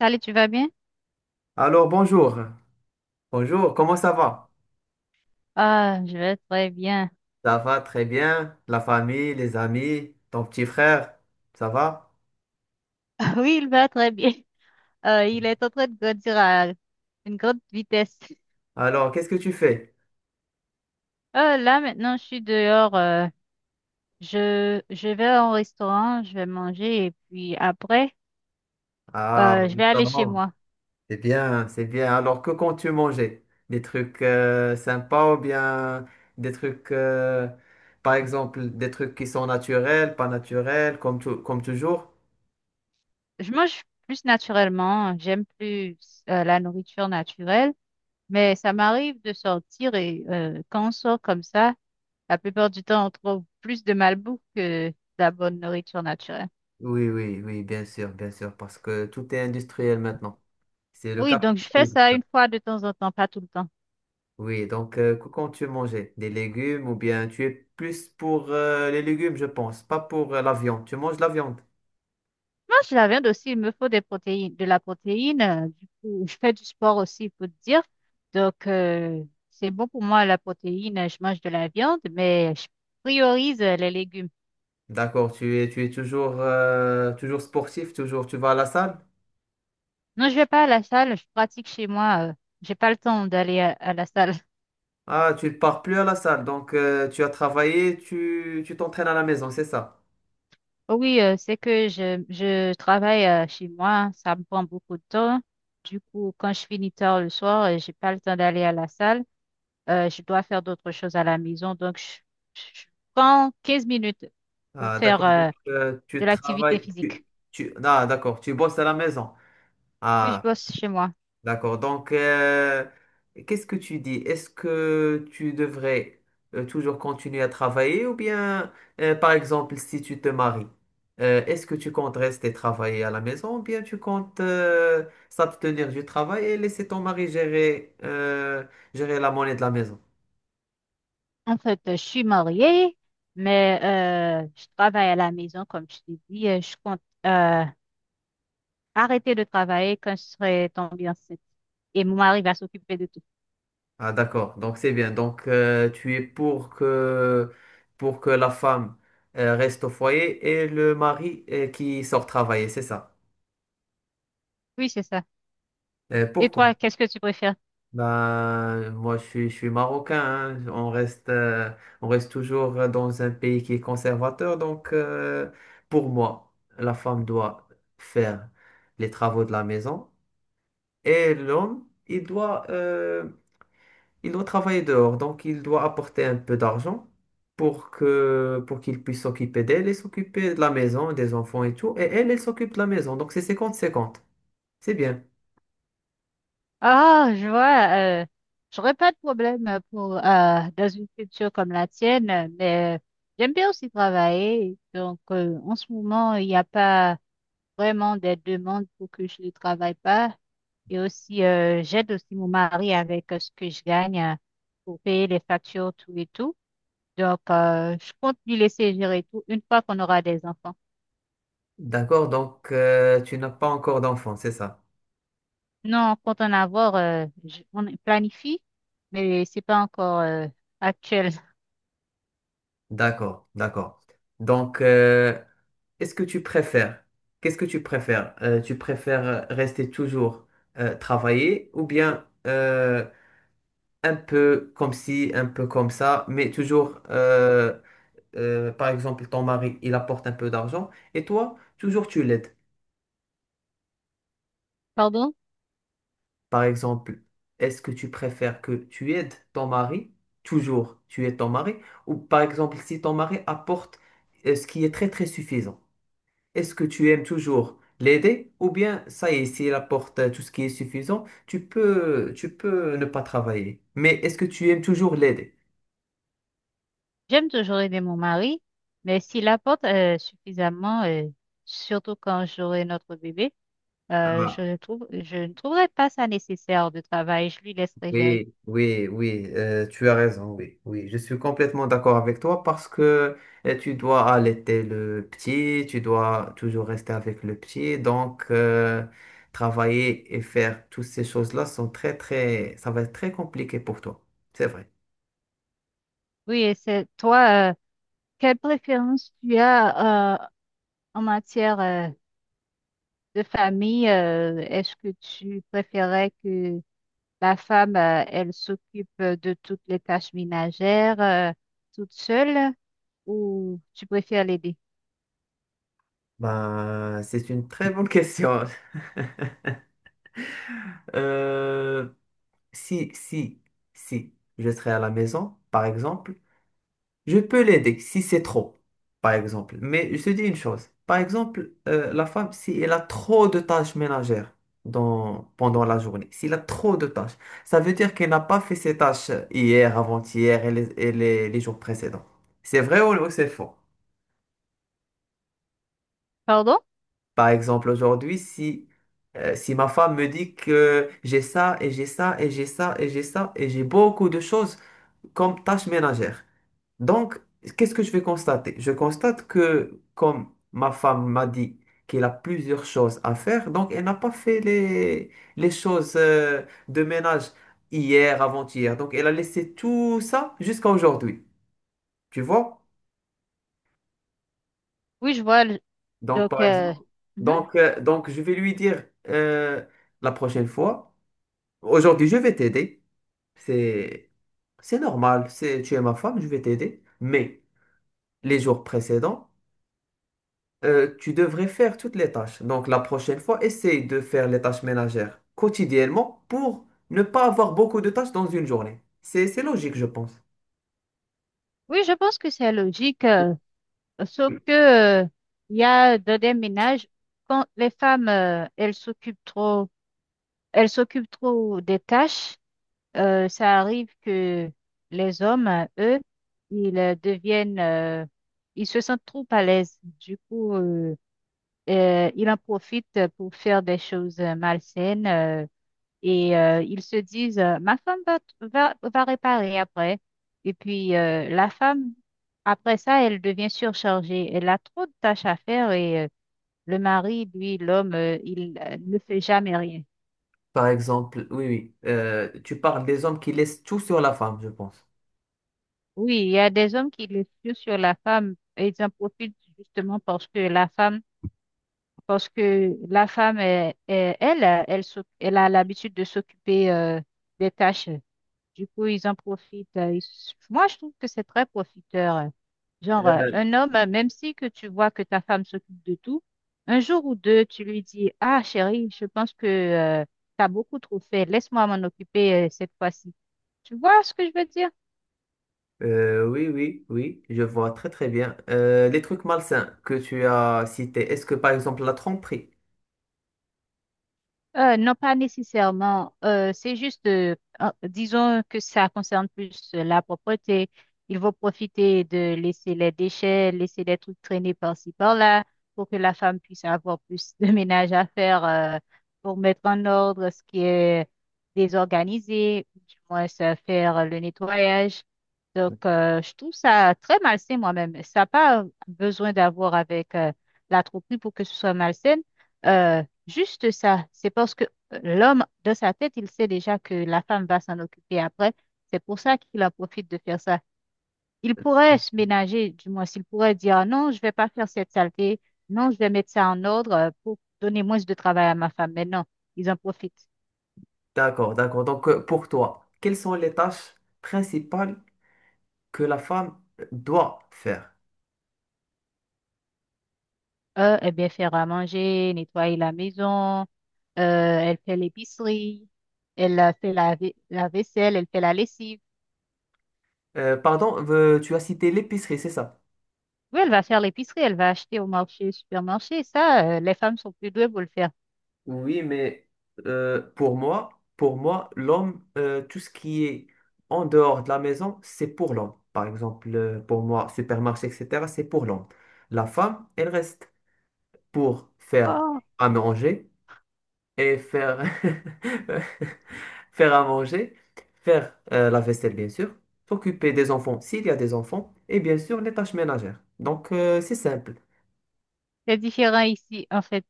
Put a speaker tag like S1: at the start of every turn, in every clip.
S1: Salut, tu vas bien?
S2: Alors, bonjour. Bonjour, comment ça va?
S1: Ah, je vais très bien.
S2: Ça va très bien. La famille, les amis, ton petit frère, ça va?
S1: Oui, il va très bien. Il est en train de grandir à une grande vitesse.
S2: Alors, qu'est-ce que tu fais?
S1: Là, maintenant, je suis dehors. Je vais au restaurant, je vais manger et puis après,
S2: Ah,
S1: je
S2: oui,
S1: vais
S2: ça
S1: aller chez
S2: va.
S1: moi.
S2: C'est bien, c'est bien. Alors, que comptes-tu manger? Des trucs sympas ou bien des trucs, par exemple, des trucs qui sont naturels, pas naturels, comme, comme toujours?
S1: Je mange plus naturellement. J'aime plus la nourriture naturelle, mais ça m'arrive de sortir et quand on sort comme ça, la plupart du temps, on trouve plus de malbouffe que de la bonne nourriture naturelle.
S2: Oui, oui, oui, bien sûr, parce que tout est industriel maintenant. C'est le
S1: Oui, donc je fais
S2: capitalisme.
S1: ça une fois de temps en temps, pas tout le temps.
S2: Oui, donc quand tu mangeais des légumes ou bien tu es plus pour les légumes, je pense, pas pour la viande. Tu manges la viande.
S1: Moi, je la viande aussi, il me faut des protéines, de la protéine. Du coup, je fais du sport aussi, il faut te dire. Donc, c'est bon pour moi, la protéine. Je mange de la viande, mais je priorise les légumes.
S2: D'accord, tu es toujours, toujours sportif, toujours tu vas à la salle.
S1: Non, je vais pas à la salle, je pratique chez moi. J'ai pas le temps d'aller à la salle.
S2: Ah, tu ne pars plus à la salle, donc tu as travaillé, tu t'entraînes à la maison, c'est ça.
S1: Oui, c'est que je travaille chez moi, ça me prend beaucoup de temps. Du coup, quand je finis tard le soir, j'ai pas le temps d'aller à la salle. Je dois faire d'autres choses à la maison. Donc, je prends 15 minutes pour
S2: Ah,
S1: faire
S2: d'accord, donc
S1: de
S2: tu
S1: l'activité
S2: travailles,
S1: physique.
S2: ah, d'accord, tu bosses à la maison.
S1: Puis, je
S2: Ah,
S1: bosse chez moi.
S2: D'accord. Donc, qu'est-ce que tu dis? Est-ce que tu devrais toujours continuer à travailler ou bien, par exemple, si tu te maries, est-ce que tu comptes rester travailler à la maison ou bien tu comptes s'abstenir du travail et laisser ton mari gérer, gérer la monnaie de la maison?
S1: En fait, je suis mariée, mais je travaille à la maison, comme je t'ai dit. Je compte euh, arrêter de travailler quand je serai tombée enceinte. Et mon mari va s'occuper de tout.
S2: Ah, d'accord. Donc, c'est bien. Donc, tu es pour que la femme reste au foyer et le mari qui sort travailler, c'est ça?
S1: Oui, c'est ça. Et
S2: Pourquoi?
S1: toi, qu'est-ce que tu préfères?
S2: Ben, moi, je suis marocain, hein. On reste toujours dans un pays qui est conservateur. Donc, pour moi, la femme doit faire les travaux de la maison et l'homme, il doit, il doit travailler dehors. Donc, il doit apporter un peu d'argent pour qu'il puisse s'occuper d'elle et s'occuper de la maison, des enfants et tout. Et elle, elle s'occupe de la maison. Donc, c'est 50-50. C'est bien.
S1: Ah, je vois. J'aurais pas de problème pour dans une culture comme la tienne, mais j'aime bien aussi travailler. Donc, en ce moment, il n'y a pas vraiment des demandes pour que je ne travaille pas. Et aussi, j'aide aussi mon mari avec ce que je gagne pour payer les factures, tout et tout. Donc, je compte lui laisser gérer tout une fois qu'on aura des enfants.
S2: D'accord. Donc, tu n'as pas encore d'enfant, c'est ça?
S1: Non, on compte en avoir, on planifie, mais c'est pas encore actuel.
S2: D'accord, d'accord. Donc, est-ce que tu préfères, qu'est-ce que tu préfères? Tu préfères rester toujours travailler ou bien un peu comme ci, un peu comme ça, mais toujours, par exemple, ton mari, il apporte un peu d'argent et toi, toujours tu l'aides.
S1: Pardon?
S2: Par exemple, est-ce que tu préfères que tu aides ton mari, toujours tu aides ton mari, ou par exemple, si ton mari apporte ce qui est très très suffisant? Est-ce que tu aimes toujours l'aider ou bien ça y est, s'il apporte tout ce qui est suffisant, tu peux ne pas travailler. Mais est-ce que tu aimes toujours l'aider?
S1: J'aime toujours aider mon mari, mais s'il apporte suffisamment, surtout quand j'aurai notre bébé,
S2: Ah,
S1: je ne trouverai pas ça nécessaire de travail. Je lui laisserai gérer.
S2: oui, oui, oui, tu as raison, oui, oui, je suis complètement d'accord avec toi parce que tu dois allaiter le petit, tu dois toujours rester avec le petit, donc travailler et faire toutes ces choses-là sont très, très, ça va être très compliqué pour toi, c'est vrai.
S1: Oui, et c'est toi, quelle préférence tu as en matière de famille? Est-ce que tu préférais que la femme, elle s'occupe de toutes les tâches ménagères toute seule ou tu préfères l'aider?
S2: Ben, c'est une très bonne question. Euh, si, si, si je serai à la maison, par exemple, je peux l'aider si c'est trop, par exemple. Mais je te dis une chose, par exemple, la femme, si elle a trop de tâches ménagères pendant la journée, s'il a trop de tâches, ça veut dire qu'elle n'a pas fait ses tâches hier, avant-hier et les jours précédents. C'est vrai ou c'est faux?
S1: Pardon?
S2: Par exemple, aujourd'hui, si... si ma femme me dit que j'ai ça et j'ai ça et j'ai ça et j'ai ça et j'ai beaucoup de choses, comme tâche ménagère. Donc, qu'est-ce que je vais constater? Je constate que comme ma femme m'a dit qu'elle a plusieurs choses à faire, donc elle n'a pas fait les choses de ménage hier, avant-hier. Donc, elle a laissé tout ça jusqu'à aujourd'hui. Tu vois?
S1: Oui, je vois.
S2: Donc,
S1: Donc,
S2: par
S1: euh,
S2: exemple,
S1: mhm.
S2: donc je vais lui dire la prochaine fois, aujourd'hui, je vais t'aider. C'est, c'est normal, c'est, tu es ma femme, je vais t'aider. Mais les jours précédents, tu devrais faire toutes les tâches. Donc la prochaine fois, essaye de faire les tâches ménagères quotidiennement pour ne pas avoir beaucoup de tâches dans une journée. C'est logique, je pense.
S1: Oui, je pense que c'est logique, sauf que, euh, il y a dans des ménages, quand les femmes, elles s'occupent trop des tâches, ça arrive que les hommes, eux, ils euh, deviennent, euh, ils se sentent trop à l'aise. Du coup, ils en profitent pour faire des choses malsaines. Et ils se disent, ma femme va réparer après. Et puis, la femme, après ça, elle devient surchargée. Elle a trop de tâches à faire et le mari, lui, l'homme, il ne fait jamais rien.
S2: Par exemple, oui, oui, tu parles des hommes qui laissent tout sur la femme, je pense.
S1: Oui, il y a des hommes qui le tuent sur la femme et ils en profitent justement parce que la femme, parce que la femme, elle, elle, elle a l'habitude de s'occuper des tâches. Du coup, ils en profitent. Moi, je trouve que c'est très profiteur. Genre,
S2: Euh,
S1: un homme, même si que tu vois que ta femme s'occupe de tout, un jour ou deux, tu lui dis, ah, chérie, je pense que tu as beaucoup trop fait. Laisse-moi m'en occuper cette fois-ci. Tu vois ce que je veux dire?
S2: Oui, oui, oui, je vois très très bien. Les trucs malsains que tu as cités, est-ce que par exemple la tromperie?
S1: Non, pas nécessairement. Euh, c'est juste, disons que ça concerne plus la propreté. Ils vont profiter de laisser les déchets, laisser des trucs traîner par-ci, par-là, pour que la femme puisse avoir plus de ménage à faire, pour mettre en ordre ce qui est désorganisé, ou du moins ça, faire le nettoyage. Donc, je trouve ça très malsain moi-même. Ça n'a pas besoin d'avoir avec la tromperie pour que ce soit malsain. Euh, Juste ça, c'est parce que l'homme, dans sa tête, il sait déjà que la femme va s'en occuper après. C'est pour ça qu'il en profite de faire ça. Il pourrait se ménager, du moins s'il pourrait dire ah non, je vais pas faire cette saleté, non, je vais mettre ça en ordre pour donner moins de travail à ma femme. Mais non, ils en profitent.
S2: D'accord, d'accord. Donc pour toi, quelles sont les tâches principales que la femme doit faire?
S1: Eux, eh bien, faire à manger, nettoyer la maison, elle fait l'épicerie, elle fait la vaisselle, elle fait la lessive.
S2: Pardon, tu as cité l'épicerie, c'est ça?
S1: Oui, elle va faire l'épicerie, elle va acheter au marché, supermarché. Ça, les femmes sont plus douées pour le faire.
S2: Oui, mais Euh, pour moi, pour moi, l'homme, tout ce qui est en dehors de la maison, c'est pour l'homme. Par exemple, pour moi, supermarché, etc., c'est pour l'homme. La femme, elle reste pour faire
S1: Oh,
S2: à manger et faire, faire à manger, faire la vaisselle, bien sûr, s'occuper des enfants s'il y a des enfants, et bien sûr, les tâches ménagères. Donc, c'est simple.
S1: c'est différent ici, en fait.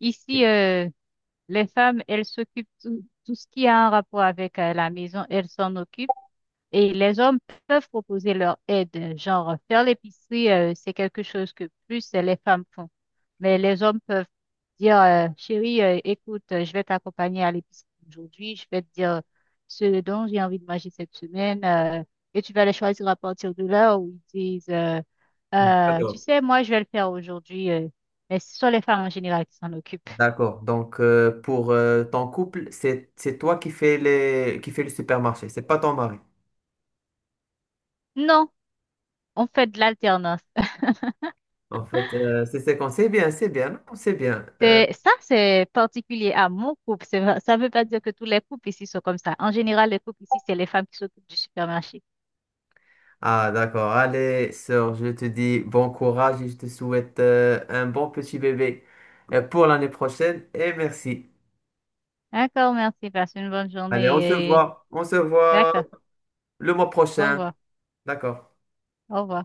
S1: Ici, les femmes, elles s'occupent tout, tout ce qui a un rapport avec la maison, elles s'en occupent. Et les hommes peuvent proposer leur aide, genre faire l'épicerie, c'est quelque chose que plus les femmes font. Mais les hommes peuvent dire, chérie, écoute, je vais t'accompagner à l'épicerie aujourd'hui, je vais te dire ce dont j'ai envie de manger cette semaine, et tu vas les choisir à partir de là où ils disent, tu sais, moi, je vais le faire aujourd'hui, mais ce sont les femmes en général qui s'en occupent.
S2: D'accord. Donc, pour ton couple, c'est toi qui fais les qui fais le supermarché, c'est pas ton mari.
S1: Non, on fait de l'alternance.
S2: En fait, c'est bien, non, c'est bien.
S1: C'est, ça, c'est particulier à mon couple. Ça ne veut pas dire que tous les couples ici sont comme ça. En général, les couples ici, c'est les femmes qui s'occupent du supermarché.
S2: D'accord. Allez, sœur, je te dis bon courage et je te souhaite un bon petit bébé pour l'année prochaine et merci.
S1: D'accord, merci. Passe une bonne
S2: Allez,
S1: journée. Et-
S2: on se voit
S1: D'accord.
S2: le mois
S1: Au
S2: prochain.
S1: revoir.
S2: D'accord.
S1: Au revoir.